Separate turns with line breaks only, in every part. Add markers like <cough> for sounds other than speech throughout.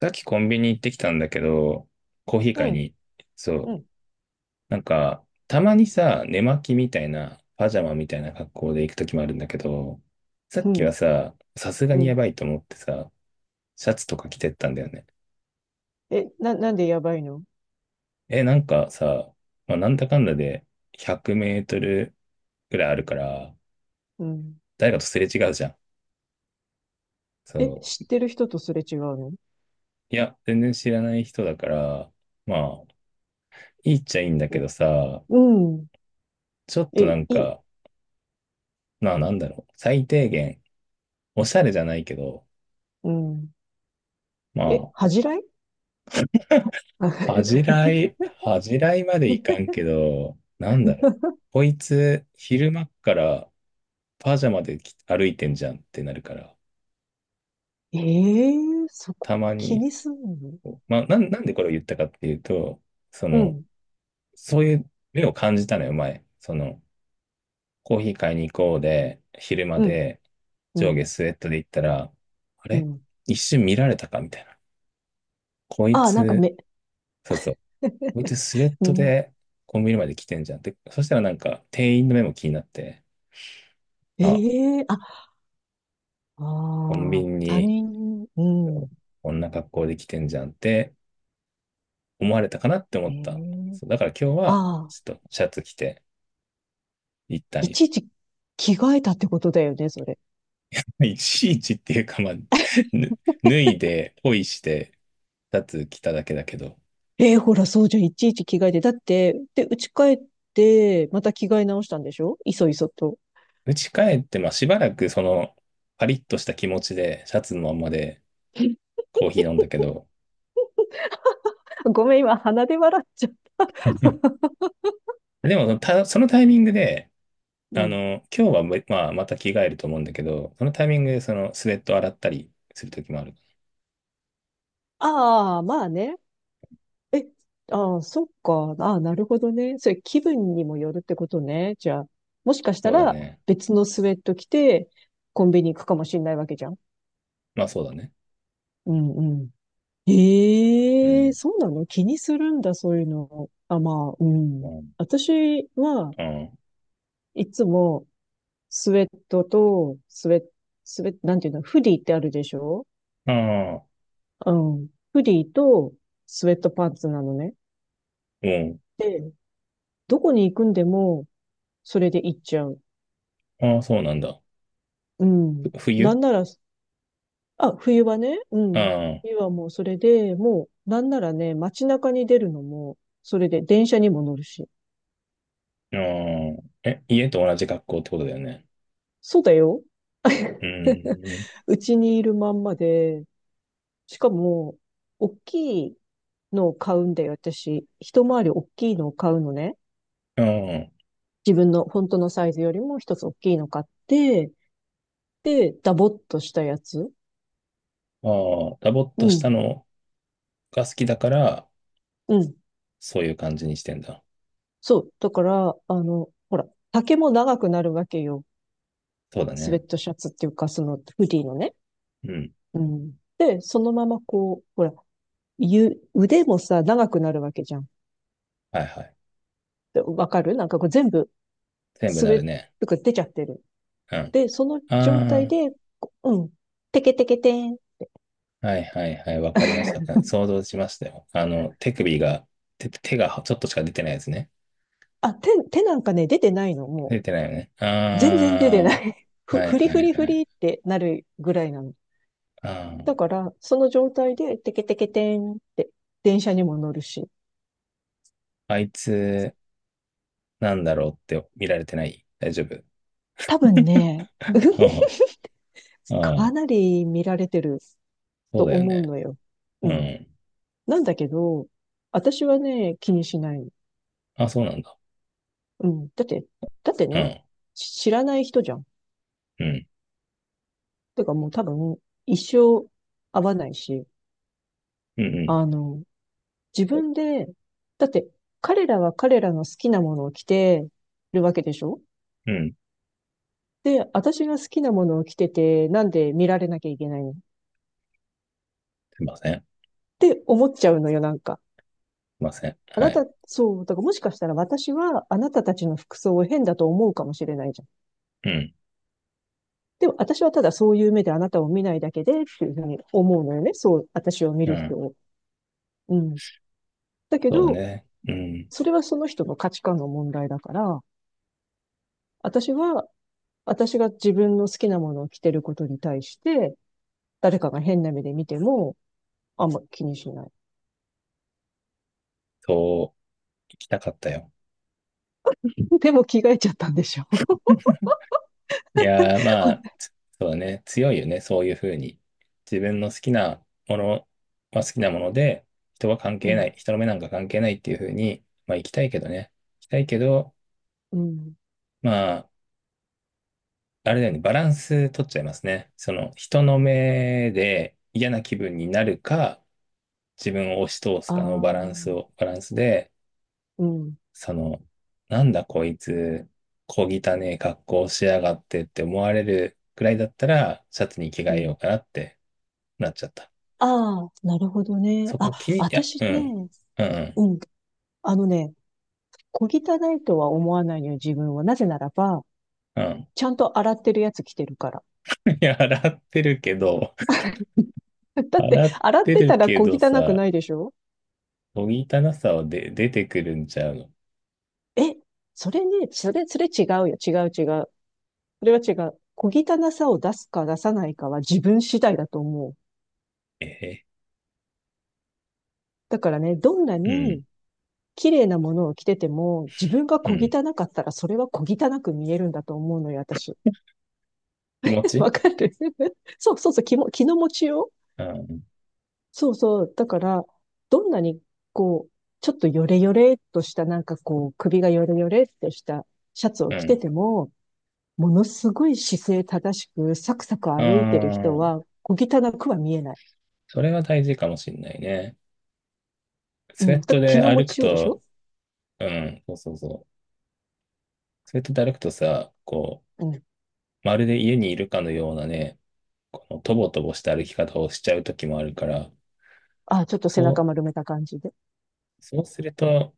さっきコンビニ行ってきたんだけど、コーヒー
う
買い
ん、
に。
う
そう。
ん、
たまにさ、寝巻きみたいな、パジャマみたいな格好で行くときもあるんだけど、さ
う
っき
ん、
はさ、さすが
う
にや
ん。
ばいと思ってさ、シャツとか着てったんだよね。
え、なんでやばいの？
え、なんかさ、まあ、なんだかんだで100メートルぐらいあるから、
うん。
誰かとすれ違うじゃん。
え、
そ
知ってる人とすれ違うの？
う。いや、全然知らない人だから、まあ、いいっちゃいいんだけどさ、
うん。うん。
ちょっ
え、
とな
い
ん
い。
か、まあなんだろう、最低限、おしゃれじゃないけど、
うん。
ま
え、
あ、
恥じらい。あ
恥じ
<laughs>
らい、恥じらいまでいかんけど、なんだろう。こいつ、昼間っからパジャマでき歩いてんじゃんってなるから、
ええー、そこ
たま
気
に、
にすんの？
まあ、なんでこれを言ったかっていうと、そ
う
の、
ん、
そういう目を感じたのよ、前。その、コーヒー買いに行こうで、昼間
うん、
で、
う
上下
ん、
スウェットで行ったら、あ
う
れ
ん。
一瞬見られたかみたいな。こい
ああ、なんか
つ、
目。
そうそう。こいつ
<laughs>
スウェッ
う
ト
ん、
でコンビニまで来てんじゃんって。そしたらなんか店員の目も気になって、あ、
ええー、あ、
コン
あ
ビ
あ、
ニ
他
に
人、うん。
こんな格好で来てんじゃんって思われたかなって思
ええ
った。
ー、
そう、だから今日は
ああ、
ちょっとシャツ着て行ったん
い
よ。
ちいち着替えたってことだよね、それ。
<laughs> いちいちっていうか、まあ、ぬ脱いで、ポイして、シャツ着ただけだけど、
えーほら、そうじゃん。いちいち着替えて。だって、で、家帰って、また着替え直したんでしょ、いそいそと。
家帰って、まあしばらくそのパリッとした気持ちでシャツのままで
<laughs>
コーヒー飲んだけど、
ごめん、今、鼻で笑っちゃ
<laughs> でもそのたそのタイミングで、
う。う
あ
ん。
の、今日はもうまあ、また着替えると思うんだけど、そのタイミングでそのスウェット洗ったりするときもある。
ああ、まあね。え、ああ、そっか。ああ、なるほどね。それ、気分にもよるってことね。じゃあ、もしかした
そうだ
ら、
ね。
別のスウェット着て、コンビニ行くかもしんないわけじゃん。
まあそうだね。
うんうん。
う
ええ、
ん。
そうなの？気にするんだ、そういうの。あ、まあ、うん。
あ
私は、
あ、ああ、
いつも、スウェットと、スウェット、スウェット、なんていうの、フディってあるでしょ？うん。フディとスウェットパンツなのね。
うん。
で、どこに行くんでも、それで行っちゃう。
ああ、そうなんだ。
うん。
ふ
な
冬
んなら、あ、冬はね、うん。
あ
冬はもうそれで、もう、なんならね、街中に出るのも、それで電車にも乗るし。
あ、ああ、え、家と同じ格好ってことだよね。
そうだよ。
う
<laughs>
ん。
うちにいるまんまで、しかも、大きいのを買うんだよ、私。一回り大きいのを買うのね。
あ
自分の本当のサイズよりも一つ大きいの買って、で、ダボっとしたやつ。
あ、ああ、ダボっ
う
とした
ん、
のが好きだから、
うん。
そういう感じにしてんだ。
そう。だから、あの、ほら、丈も長くなるわけよ。
そうだ
スウェ
ね。
ットシャツっていうか、そのフリーのね。
うん。
うん。で、そのままこう、ほら、腕もさ、長くなるわけじゃん。
はいはい。
でわかる？なんかこう全部、
全部
スウ
な
ェ
る
ッ
ね。
トが出ちゃってる。
うん。
で、その状
あ
態
あ、
で、こう、うん。テケテケテン。
はいはいはい、わかりました。想像しましたよ。あの、手首が、手がちょっとしか出てないですね。
あ、手なんかね、出てないの、もう。
出てないよね。あ
全然出てない。<laughs>
あはい
ふり
は
ふ
い
りふ
はい。
りってなるぐらいなの。
あー、
だから、その状態で、テケテケテンって、電車にも乗るし。
あいつ、なんだろうって見られてない大丈夫。
多分ね、
うん、
<laughs>
あ
か
ー、
なり見られてる
そ
と
うだよ
思う
ね。
のよ。
う
うん。
ん。
なんだけど、私はね、気にしない。
あ、そうなんだ。
うん。だって、だって
う
ね、
ん、
知らない人じゃん。
うん、
てかもう多分、一生会わないし、
うん、
あの、自分で、だって、彼らは彼らの好きなものを着てるわけでしょ？
うん、うん。
で、私が好きなものを着てて、なんで見られなきゃいけないの？っ
すいません。す
て思っちゃうのよ、なんか。
いません。
あ
は
な
い。
た、そう、だからもしかしたら私はあなたたちの服装を変だと思うかもしれないじゃん。
うん、
でも私はただそういう目であなたを見ないだけでっていうふうに思うのよね。そう、私を見
う
る人
ん。
を。うん。だけ
そうだ
ど、
ね。うん。
それはその人の価値観の問題だから、私は、私が自分の好きなものを着てることに対して、誰かが変な目で見ても、あんま気にしない。
そう、行きたかったよ。
でも着替えちゃったんでしょ？
いやー、まあ、つそうだね。強いよね。そういうふうに。自分の好きなものは好きなもので、人は関
<laughs> う
係な
ん。
い。人の目なんか関係ないっていうふうに、まあ、行きたいけどね。行きたいけど、
うん。
まあ、あれだよね。バランス取っちゃいますね。その、人の目で嫌な気分になるか、自分を押し通す
あ
かのバラン
あ、
スを、バランスで、
うん、
その、なんだこいつ、小汚ねえ格好しやがってって思われるくらいだったら、シャツに着替
う
えよ
ん。
うかなって。なっちゃった。
ああ、なるほどね。
そ
あ、
こ気に、いや、う
私
ん、
ね、
うん、
うん、あのね、小汚いとは思わないのよ、自分は。なぜならば、
うん。うん
ちゃんと洗ってるやつ着てるから。
<laughs> いや、洗ってるけど、<laughs>
<laughs> だって、
洗っ
洗っ
て
て
る
たら
け
小
ど
汚く
さ、
ないでしょ？
おぎたなさはで、出てくるんちゃうの。
え、それね、それ違うよ、違う違う。それは違う。小汚さを出すか出さないかは自分次第だと思う。
え
だからね、どんな
ー、
に綺麗なものを着てても、自分が
うん、う
小
ん。
汚かったらそれは小汚く見えるんだと思うのよ、私。
気持
<laughs>
ち
わかる <laughs> そうそうそう、気の持ちよう。
うん、
そうそう。だから、どんなに、こう、ちょっとヨレヨレっとした、なんかこう、首がヨレヨレっとしたシャツを
う
着て
ん。
ても、ものすごい姿勢正しく、サクサク
あ
歩いてる人
あ、
は、小汚くは見えない。
それは大事かもしんないね。
う
スウェ
ん。
ット
気
で
の持
歩く
ちようでし
と、
ょ？
うん、そうそうそう。スウェットで歩くとさ、こ
うん。
う、まるで家にいるかのようなね、このとぼとぼした歩き方をしちゃう時もあるから、
あ、ちょっと背中
そ
丸めた感じで。
う、そうすると、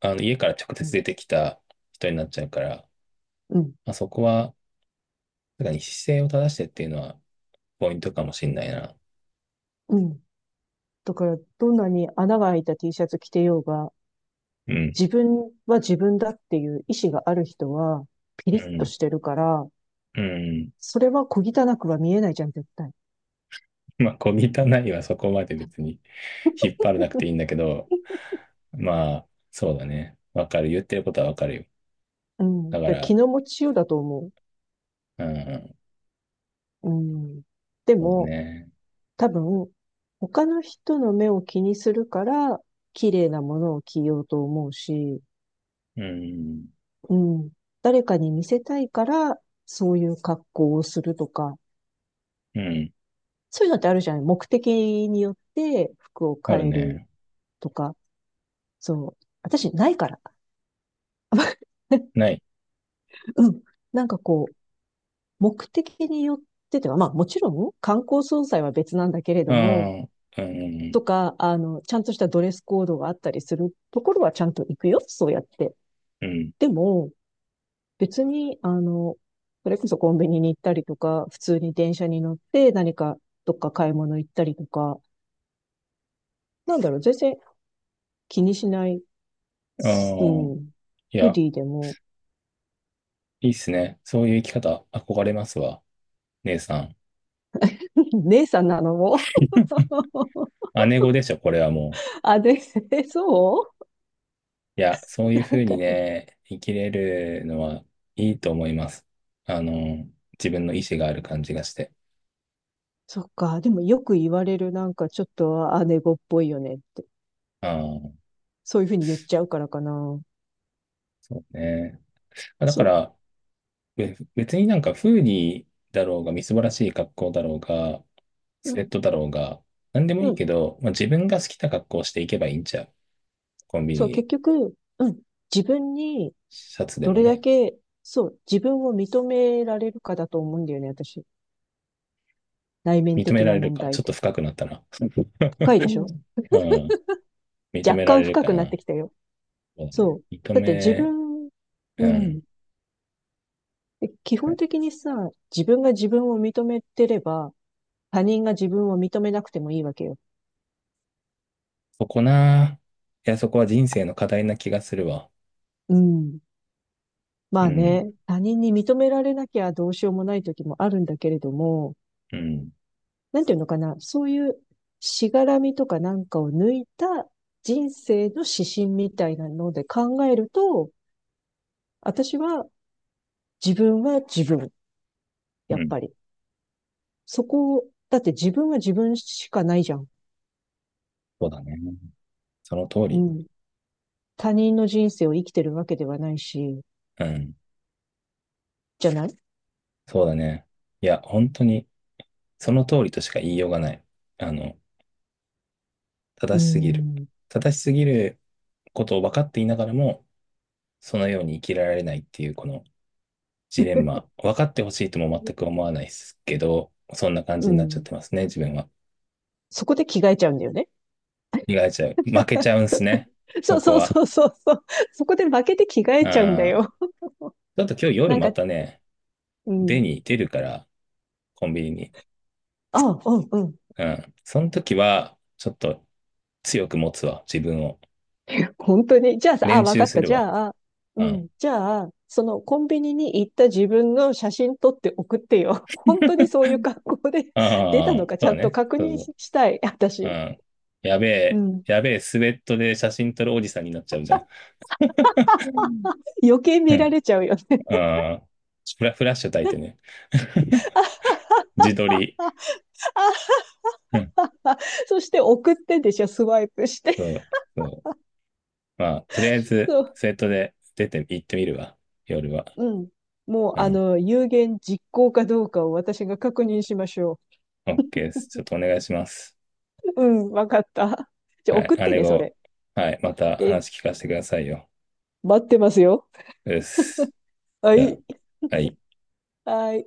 あの、家から直接
うん。
出てきた人になっちゃうから、
うん。
まあ、そこは、なんかに姿勢を正してっていうのはポイントかもしんないな。
うん。だから、どんなに穴が開いた T シャツ着てようが、
うん、
自分は自分だっていう意志がある人は、ピ
う
リッと
ん、
してるから、
うん。
それは小汚くは見えないじゃん、絶対。
まあ、小汚いはそこまで別に <laughs> 引っ張らなくていいんだけど、まあ、そうだね。わかる。言ってることはわかるよ。
うん。
だ
だ
か
から気
ら、
の持ちようだと思
うん、
う。うん。で
そうだ
も、
ね。
多分、他の人の目を気にするから、綺麗なものを着ようと思うし、
うん、
うん。誰かに見せたいから、そういう格好をするとか、
うん、
そういうのってあるじゃない？目的によって服を
ある
変える
ね。
とか、そう。私、ないから。<laughs>
ない。
うん。なんかこう、目的によってては、まあもちろん観光総裁は別なんだけれ
う
ども、
ん、うん、
とか、ちゃんとしたドレスコードがあったりするところはちゃんと行くよ、そうやって。
うん。
でも、別に、それこそコンビニに行ったりとか、普通に電車に乗って何かどっか買い物行ったりとか、なんだろう、全然気にしない、
あ
う
あ、
ん、
い
フ
や、
リーでも、
いいっすね。そういう生き方、憧れますわ。姉さん。
<laughs> 姉さんなのも、
姉御でしょ、これはも
あ、で、<laughs> そ
う。いや、そう
う、
いう
な
ふ
ん
う
か、
にね、生きれるのはいいと思います。あの、自分の意思がある感じがして。
そっか。でもよく言われる、なんかちょっと姉子っぽいよねって。
ああ、
そういうふうに言っちゃうからかな。
そうね。あだ
そ
か
う、
ら、別になんかフーディーだろうが、みすぼらしい格好だろうが、
う
スウェ
ん、
ットだろうが、なんでもい
う
いけ
ん。
ど、まあ、自分が好きな格好をしていけばいいんちゃう。コンビ
そう、
ニ、
結局、うん。自分に
シャツで
ど
も
れだ
ね。
け、そう、自分を認められるかだと思うんだよね、私。内面
認め
的
ら
な
れる
問
か。
題っ
ちょっと
て。
深くなったな。<laughs>
深いでしょ？
うん。認
若
めら
干
れる
深
か
くなって
な。
きたよ。
そうだ
そ
ね。
う。
認
だって自
め、
分、
う
う
ん。
ん。で基本的にさ、自分が自分を認めてれば、他人が自分を認めなくてもいいわけよ。
そこな。いや、そこは人生の課題な気がするわ。
うん。ま
う
あ
ん、
ね、他人に認められなきゃどうしようもない時もあるんだけれども、
うん、
なんていうのかな、そういうしがらみとかなんかを抜いた人生の指針みたいなので考えると、私は自分は自分、や
う
っ
ん。
ぱり。そこを、だって自分は自分しかないじゃん。
そうだね。その通
う
り。
ん。他人の人生を生きてるわけではないし、
うん、
じゃない？
そうだね。いや、本当に、その通りとしか言いようがない。あの、
う
正しすぎる。
ん。
正しすぎることを分かっていながらも、そのように生きられないっていう、このジレンマ。分かってほしいとも全く思わないですけど、そんな感
う
じになっちゃっ
ん。
てますね、自分は。
そこで着替えちゃうんだよね。
意外ちゃう。負けちゃう
<laughs>
んすね。
そ
そ
う
こ
そう
は。
そうそうそう。そこで負けて着替えちゃうんだ
あー
よ。
ちょっと今日夜
なん
ま
か、
たね、
う
出
ん。
に出るから、コンビニに。
あ、うんうん。
うん。その時は、ちょっと強く持つわ、自分を。
本当に。じゃあさ、あ、
練
わか
習
っ
す
た。
る
じ
わ。
ゃあ、う
うん。
ん。じゃあ、そのコンビニに行った自分の写真撮って送ってよ。本当にそういう格好で出た
あ
の
あ、
かち
そう
ゃ
だ
んと
ね。
確
そう
認
そ
したい。
う。う
私。
ん。やべ
う
え、
ん。
やべえ、スウェットで写真撮るおじさんになっちゃうじゃん。うん。
余計
う
見ら
ん
れちゃうよね。
あーフラッシュ焚いてね。<laughs> 自撮り。うん。
<laughs> あ、そして送ってでしょ？スワイプして。
そう、そう。まあ、とりあえず、
そう。
スウェットで出て行ってみるわ。夜は。
うん。もう、
うん。
有言実行かどうかを私が確認しましょう。
オッケーです。ちょっとお願いします。
うん、わかった。じゃあ
は
送っ
い、
て
姉
ね、そ
御、
れ。
はい、また
ええ、
話聞かせてくださいよ。
待ってますよ。
です。
は
じゃ
い。
あ、はい。
はい。